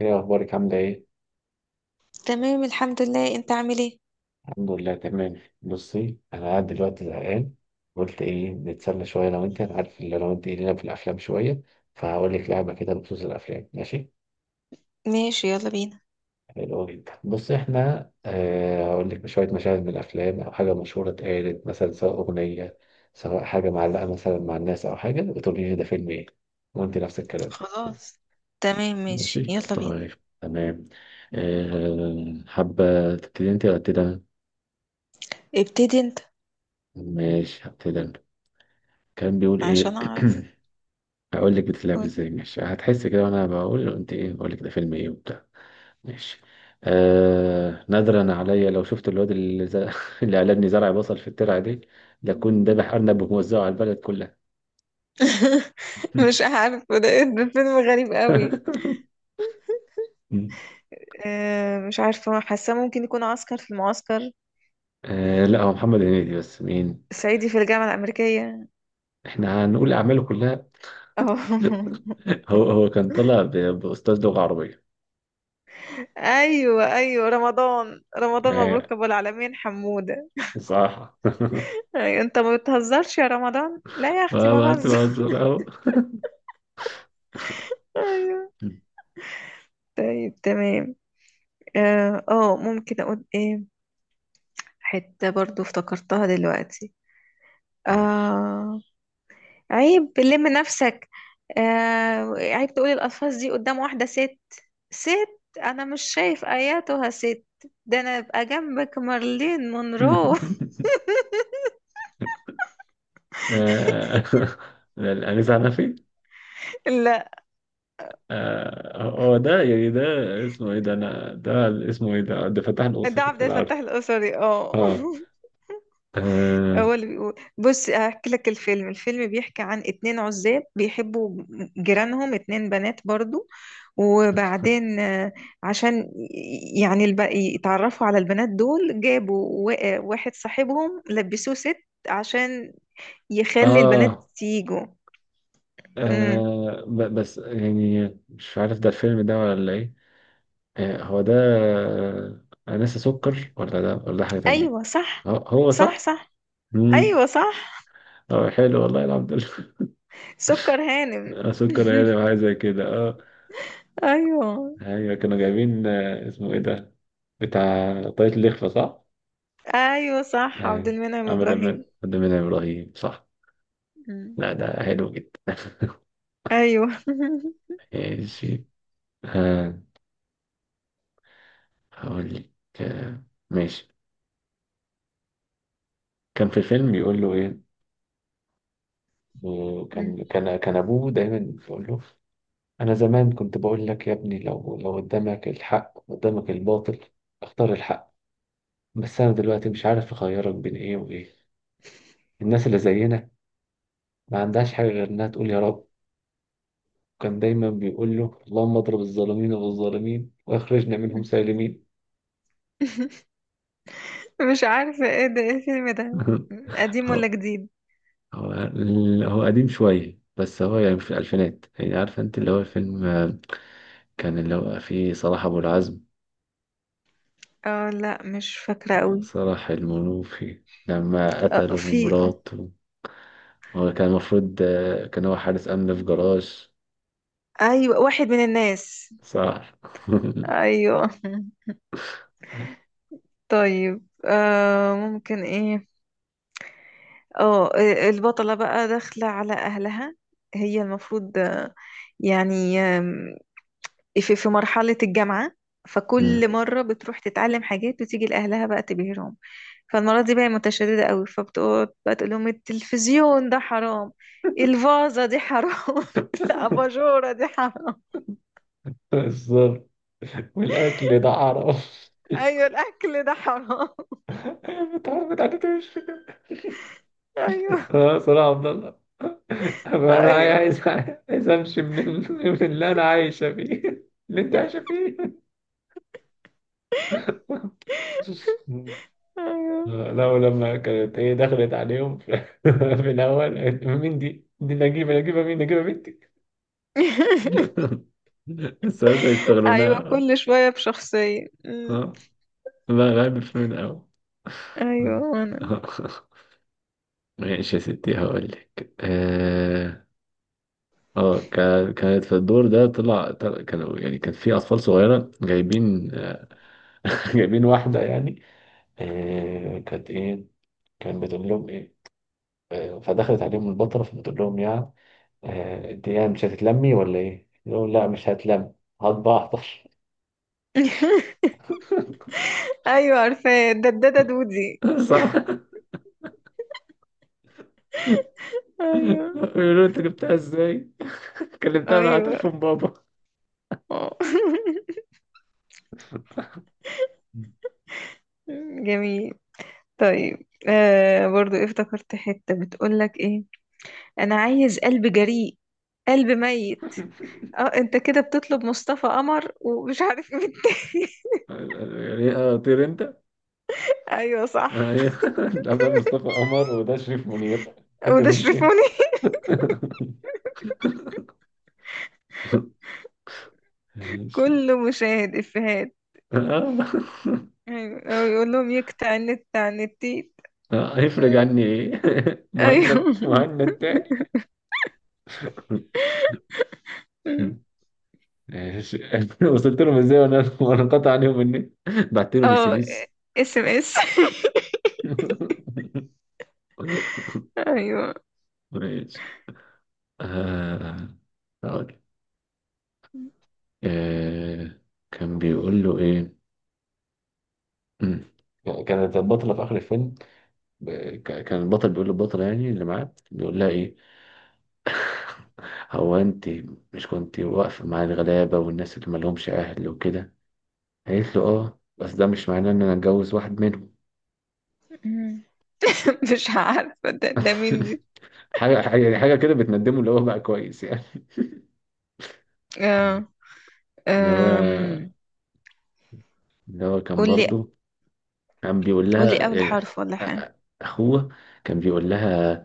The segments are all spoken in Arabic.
ايه اخبارك؟ عامله ايه؟ تمام الحمد لله، انت عامل ايه؟ الحمد لله تمام. بصي، انا قاعد دلوقتي زهقان. قلت ايه نتسلى شويه؟ لو انت، انا عارف اللي، لو انت ايه لنا في الافلام شويه، فهقول لك لعبه كده بخصوص الافلام، ماشي؟ ماشي، يلا بينا. حلو جدا. بصي، احنا هقول لك شويه مشاهد من الافلام او حاجه مشهوره اتقالت، مثلا سواء اغنيه، سواء حاجه معلقه مثلا مع الناس او حاجه، وتقولي لي ده فيلم ايه، وانت نفس الكلام. خلاص. تمام ماشي، ماشي يلا بينا. طيب، تمام. حابه تبتدي انت ولا ابتدي أنا؟ ابتدي انت ماشي هبتدي أنا. كان بيقول ايه؟ عشان اعرف. هقول لك بتتلعب قول. ازاي. ماشي، هتحس كده وانا بقول قلت ايه، بقول لك ده فيلم ايه وبتاع. ماشي. نادرا عليا لو شفت الواد اللي قلبني زرع بصل في الترعه دي، لكون ذابح ارنب وموزعه على البلد كلها. مش عارفه، ده ده فيلم غريب قوي. اه مش عارفه، حاسه ممكن يكون عسكر في المعسكر. آه، لا هو محمد هنيدي، بس مين؟ صعيدي في الجامعه الامريكيه. احنا هنقول اعماله كلها. اه. هو كان طالع باستاذ لغه عربيه. ايوه رمضان آه، مبروك ابو العالمين حموده. صح. أيوة انت ما بتهزرش يا رمضان؟ لا يا اختي ما بهزر. تهزر اهو. ايوه. طيب تمام. اه ممكن اقول ايه؟ حتة برضو افتكرتها دلوقتي. ماشي. آه عيب لم نفسك. آه عيب تقولي الألفاظ دي قدام واحدة ست. ست؟ أنا مش شايف آياتها ست. ده أنا أبقى جنبك مارلين مونرو. آه، الأنيس عنفي. لا هو ده، يعني ده اسمه ايه ده؟ انا ده اسمه ايه ده؟ ده فتح ده الأسري، عبد انا الفتاح عارفه. القصري، اه. اه. اه. هو اللي بيقول بص هحكي لك الفيلم. الفيلم بيحكي عن اتنين عزاب بيحبوا جيرانهم اتنين بنات برضو، وبعدين عشان يعني يتعرفوا على البنات دول جابوا واحد صاحبهم لبسوه ست عشان يخلي البنات اه، تيجوا. امم. بس يعني مش عارف ده الفيلم ده ولا ايه. هو ده، أنسة سكر، ولا ده، ولا ده حاجة تانية؟ ايوه صح. هو صح؟ صح. مم. ايوه صح. اه حلو، والله الحمد لله. سكر هانم. سكر يعني، وحاجة زي كده، اه. ايوه. ايوه كانوا جايبين، اسمه ايه ده، بتاع طاقية اللخفة صح؟ ايوه صح، عبد يعني المنعم عمل ابراهيم. أمان إبراهيم، صح. مم. لا ده حلو جدا. ايوه. ماشي. آه، هقول لك. آه، ماشي، كان في فيلم بيقول له إيه؟ آه، مم. كان كان كان أبوه دايما بيقول له، أنا زمان كنت بقول لك يا ابني، لو قدامك الحق قدامك الباطل، اختار الحق. بس أنا دلوقتي مش عارف أخيرك بين إيه وإيه. الناس اللي زينا ما عندهاش حاجة غير إنها تقول يا رب. كان دايما بيقول له، اللهم اضرب الظالمين بالظالمين واخرجنا منهم سالمين. مش عارفة ايه ده، ايه الفيلم ده؟ قديم ولا هو، جديد؟ هو، هو قديم شوية، بس هو يعني في الألفينات. يعني عارفة أنت اللي هو الفيلم، كان اللي هو فيه صلاح أبو العزم، اه لا، مش فاكرة قوي. صلاح المنوفي لما اه، قتلوا في، اه. مراته. هو كان المفروض، كان هو حارس أمن في جراج، ايوه واحد من الناس. صح. ايوه. طيب آه ممكن ايه. اه البطلة بقى داخلة على اهلها، هي المفروض يعني في مرحلة الجامعة، فكل مم. مرة بتروح تتعلم حاجات وتيجي لأهلها بقى تبهرهم. فالمرة دي بقى متشددة قوي، فبتقعد بقى تقول لهم التلفزيون ده حرام، الفازة دي حرام، الأباجورة دي حرام. بالظبط، والاكل ده عرف. أيوة الأكل ده حرام. الحوار بتاعته مش فكره. أيوة. اه صراحه، عبد الله انا أيوة. عايز، عايز امشي من من اللي انا عايشه فيه. اللي انت عايشه فيه. مم. أيوة. لا، ولما كانت هي دخلت عليهم في الاول قالت مين دي؟ دي نجيبه. نجيبه مين؟ نجيبه بنتي. بس أيوة يشتغلونها. كل شوية بشخصية. أمم، ها، لا غالب في من الاول. أيوة أنا. ماشي يا ستي، هقول لك. اه، كانت في الدور ده، كانوا يعني كان في اطفال صغيره جايبين، جايبين واحده يعني، كانت ايه، كان بتقول لهم ايه. فدخلت عليهم البطله فبتقول لهم، يعني انت يعني مش هتتلمي ولا ايه؟ يقولوا لا مش هتلم، هطبع احضر. أيوة عارفة، ددادة دودي. صح. أيوة. بيقولوا انت جبتها ازاي؟ كلمتها من على أيوة. تليفون بابا. آه. جميل. طيب آه برضو إيه افتكرت حتة بتقولك ايه. انا عايز قلب جريء، قلب ميت. اه انت كده بتطلب مصطفى قمر ومش عارف ايه التاني. يعني ايه طير انت؟ ايوه صح. ايه ده، ده مصطفى قمر وده شريف منير، تحب وده مين فيهم؟ شرفوني. ماشي. كله مشاهد افيهات. آه. ايوه، او يقول لهم يقطع النت عن التيت. هيفرج عني ايه. ايوه. مهند مهند تاني. ماشي. وصلت لهم ازاي وانا، وانا انقطع عليهم النت؟ بعت لهم اس ام اه، اس. اس ام اس. ايوه. ماشي. آه، هقول، آه، كان بيقول له ايه. مم. كانت البطلة في آخر الفيلم، كان البطل بيقول للبطلة يعني اللي معاه، بيقول لها ايه. هو انت مش كنت واقفة مع الغلابة والناس اللي مالهمش أهل وكده؟ قالت له اه، بس ده مش معناه ان انا اتجوز واحد منهم. مم. مش عارفه ده، ده مين دي. حاجة يعني، حاجة كده بتندمه، اللي هو بقى كويس يعني. مم. اه. اللي هو، أم، اللي هو كان قول لي. برضه كان بيقول قول لي لها، اول يعني حرف ولا أ- أ- أخوه كان بيقول لها،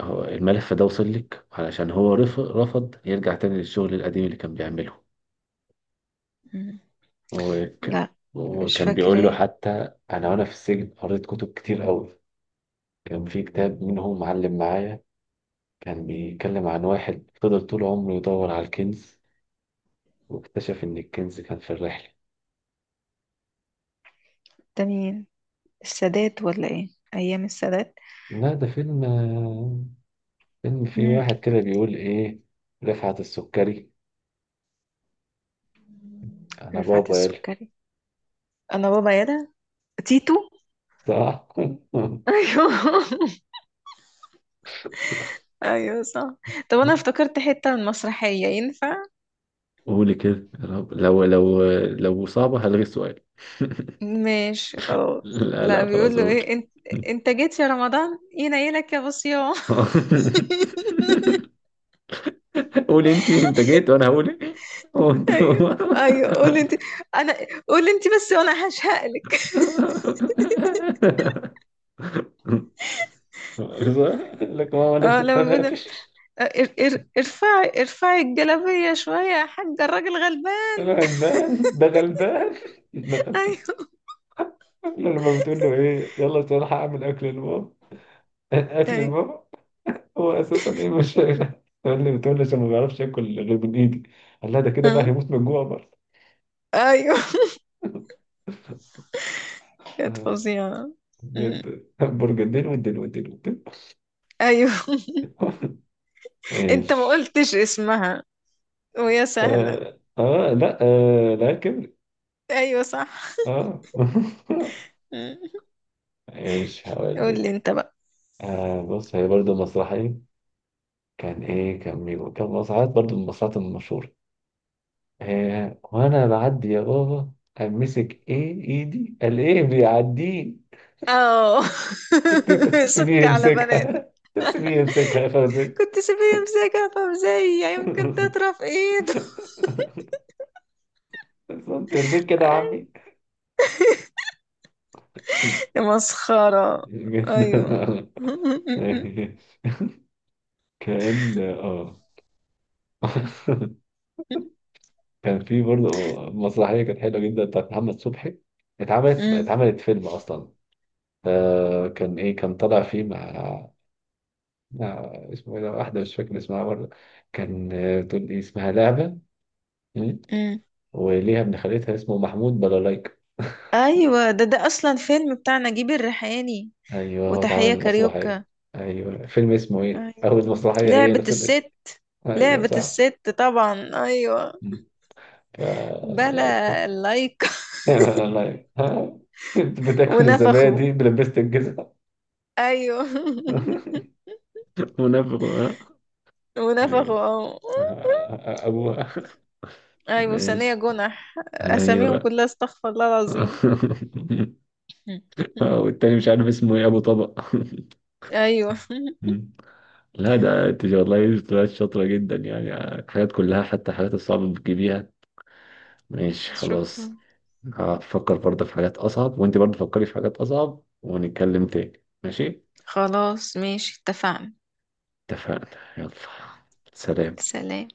هو الملف ده وصل لك علشان هو رفض يرجع تاني للشغل القديم اللي كان بيعمله. حاجه. وك- لا مش وكان بيقول له، فاكرة. حتى أنا وأنا في السجن قريت كتب كتير قوي، كان في كتاب منهم معلم معايا، كان بيتكلم عن واحد فضل طول عمره يدور على الكنز، واكتشف إن الكنز كان في الرحلة. ده مين؟ السادات ولا ايه؟ ايام السادات. لا ده فيلم، فيلم فيه مم. واحد كده بيقول ايه؟ رفعت السكري، انا رفعت بابا يلا. السكري، انا بابا يدا تيتو. صح. ايوه. ايوه صح. طب انا افتكرت حتة من مسرحية، ينفع؟ قولي كده، يا رب لو صعبة هلغي السؤال. ماشي خلاص. لا لا لا بيقول خلاص له قول. ايه انت، انت جيت يا رمضان ينيلك يا بصيام. قولي انت، انت جيت وانا هقول ايه، هو انت. ايوه. ايوه قول انت. انا قول انت بس وانا هشهقلك. صح؟ لك ماما اه لبست لما بيقول خفافش. ارفعي ارفعي الجلابية شوية يا حاجة، الراجل غلبان. أنا، غلبان ده غلبان. ايوه. لما بتقول له ايه، يلا عشان ألحق اعمل اكل لبابا. اكل ايوه. لبابا؟ هو اساسا ايه مش شايف؟ اللي بتقول لي عشان ما بيعرفش ياكل غير من ايدي. قال لها ده كده بقى آه. هيموت من الجوع برضه. ايوه كانت آه. فظيعة. أمم. بجد، برجدين، والدين والدين والدين. ايوه. انت ما ايش؟ قلتش اسمها، ويا سهلة. لا آه، لكن ايوه صح. اه. أمم. ايش هقول قول لي لك. انت بقى. آه بص، هي برضه مسرحية. كان ايه، كان مين، كان مسرحيات برضه، من المسرحيات المشهورة. وانا بعدي يا بابا، امسك ايه ايدي، قال ايه بيعديه. اه. كنت تسيبيه سك على بنات، يمسكها، تسيبيه يمسكها يا فوزي. كنت سيبيه يمسكها فمزية يمكن تطرف ايده. انت يرضيك كده يا عمي؟ يا مسخرة. ايوه. جدا. أمم. كان اه، كان في برضه مسرحيه كانت حلوه جدا بتاعت محمد صبحي، اتعملت فيلم اصلا. كان ايه كان طالع فيه مع، اسمه ايه ده، واحدة مش فاكر اسمها برضه. كان، بتقول لي اسمها لعبة. مم. أمم. وليها ابن خالتها اسمه محمود بلالايكا. ايوه ده ده اصلا فيلم بتاع نجيب الريحاني ايوه هو اتعمل وتحية المسرحية. كاريوكا. ايوه، فيلم اسمه ايه، أيوة. او المسرحية هي لعبة نفس الاسم. الست. ايوه لعبة صح. الست طبعا، أيوة. مم. ف، لا الفيلم. بلا لايك. والله ها؟ كنت بتاكل ونفخوا. الزبادي بلبست الجزمة. أيوة. منافق، ها. ونفخوا، ماشي. اه. ابوها. أيوة ثانية ماشي. جنح أساميهم ايوه. كلها، استغفر الله العظيم. والتاني مش عارف اسمه ايه، ابو طبق. أيوة. مم. لا ده، انت والله طلعت شاطرة جدا يعني، الحاجات كلها حتى الحاجات الصعبة بتجيبيها. ماشي خلاص، شكرا. هفكر برضه في حاجات أصعب، وانت برضه فكري في حاجات أصعب، ونتكلم تاني ماشي. خلاص ماشي، اتفقنا. اتفقنا. يلا سلام. سلام.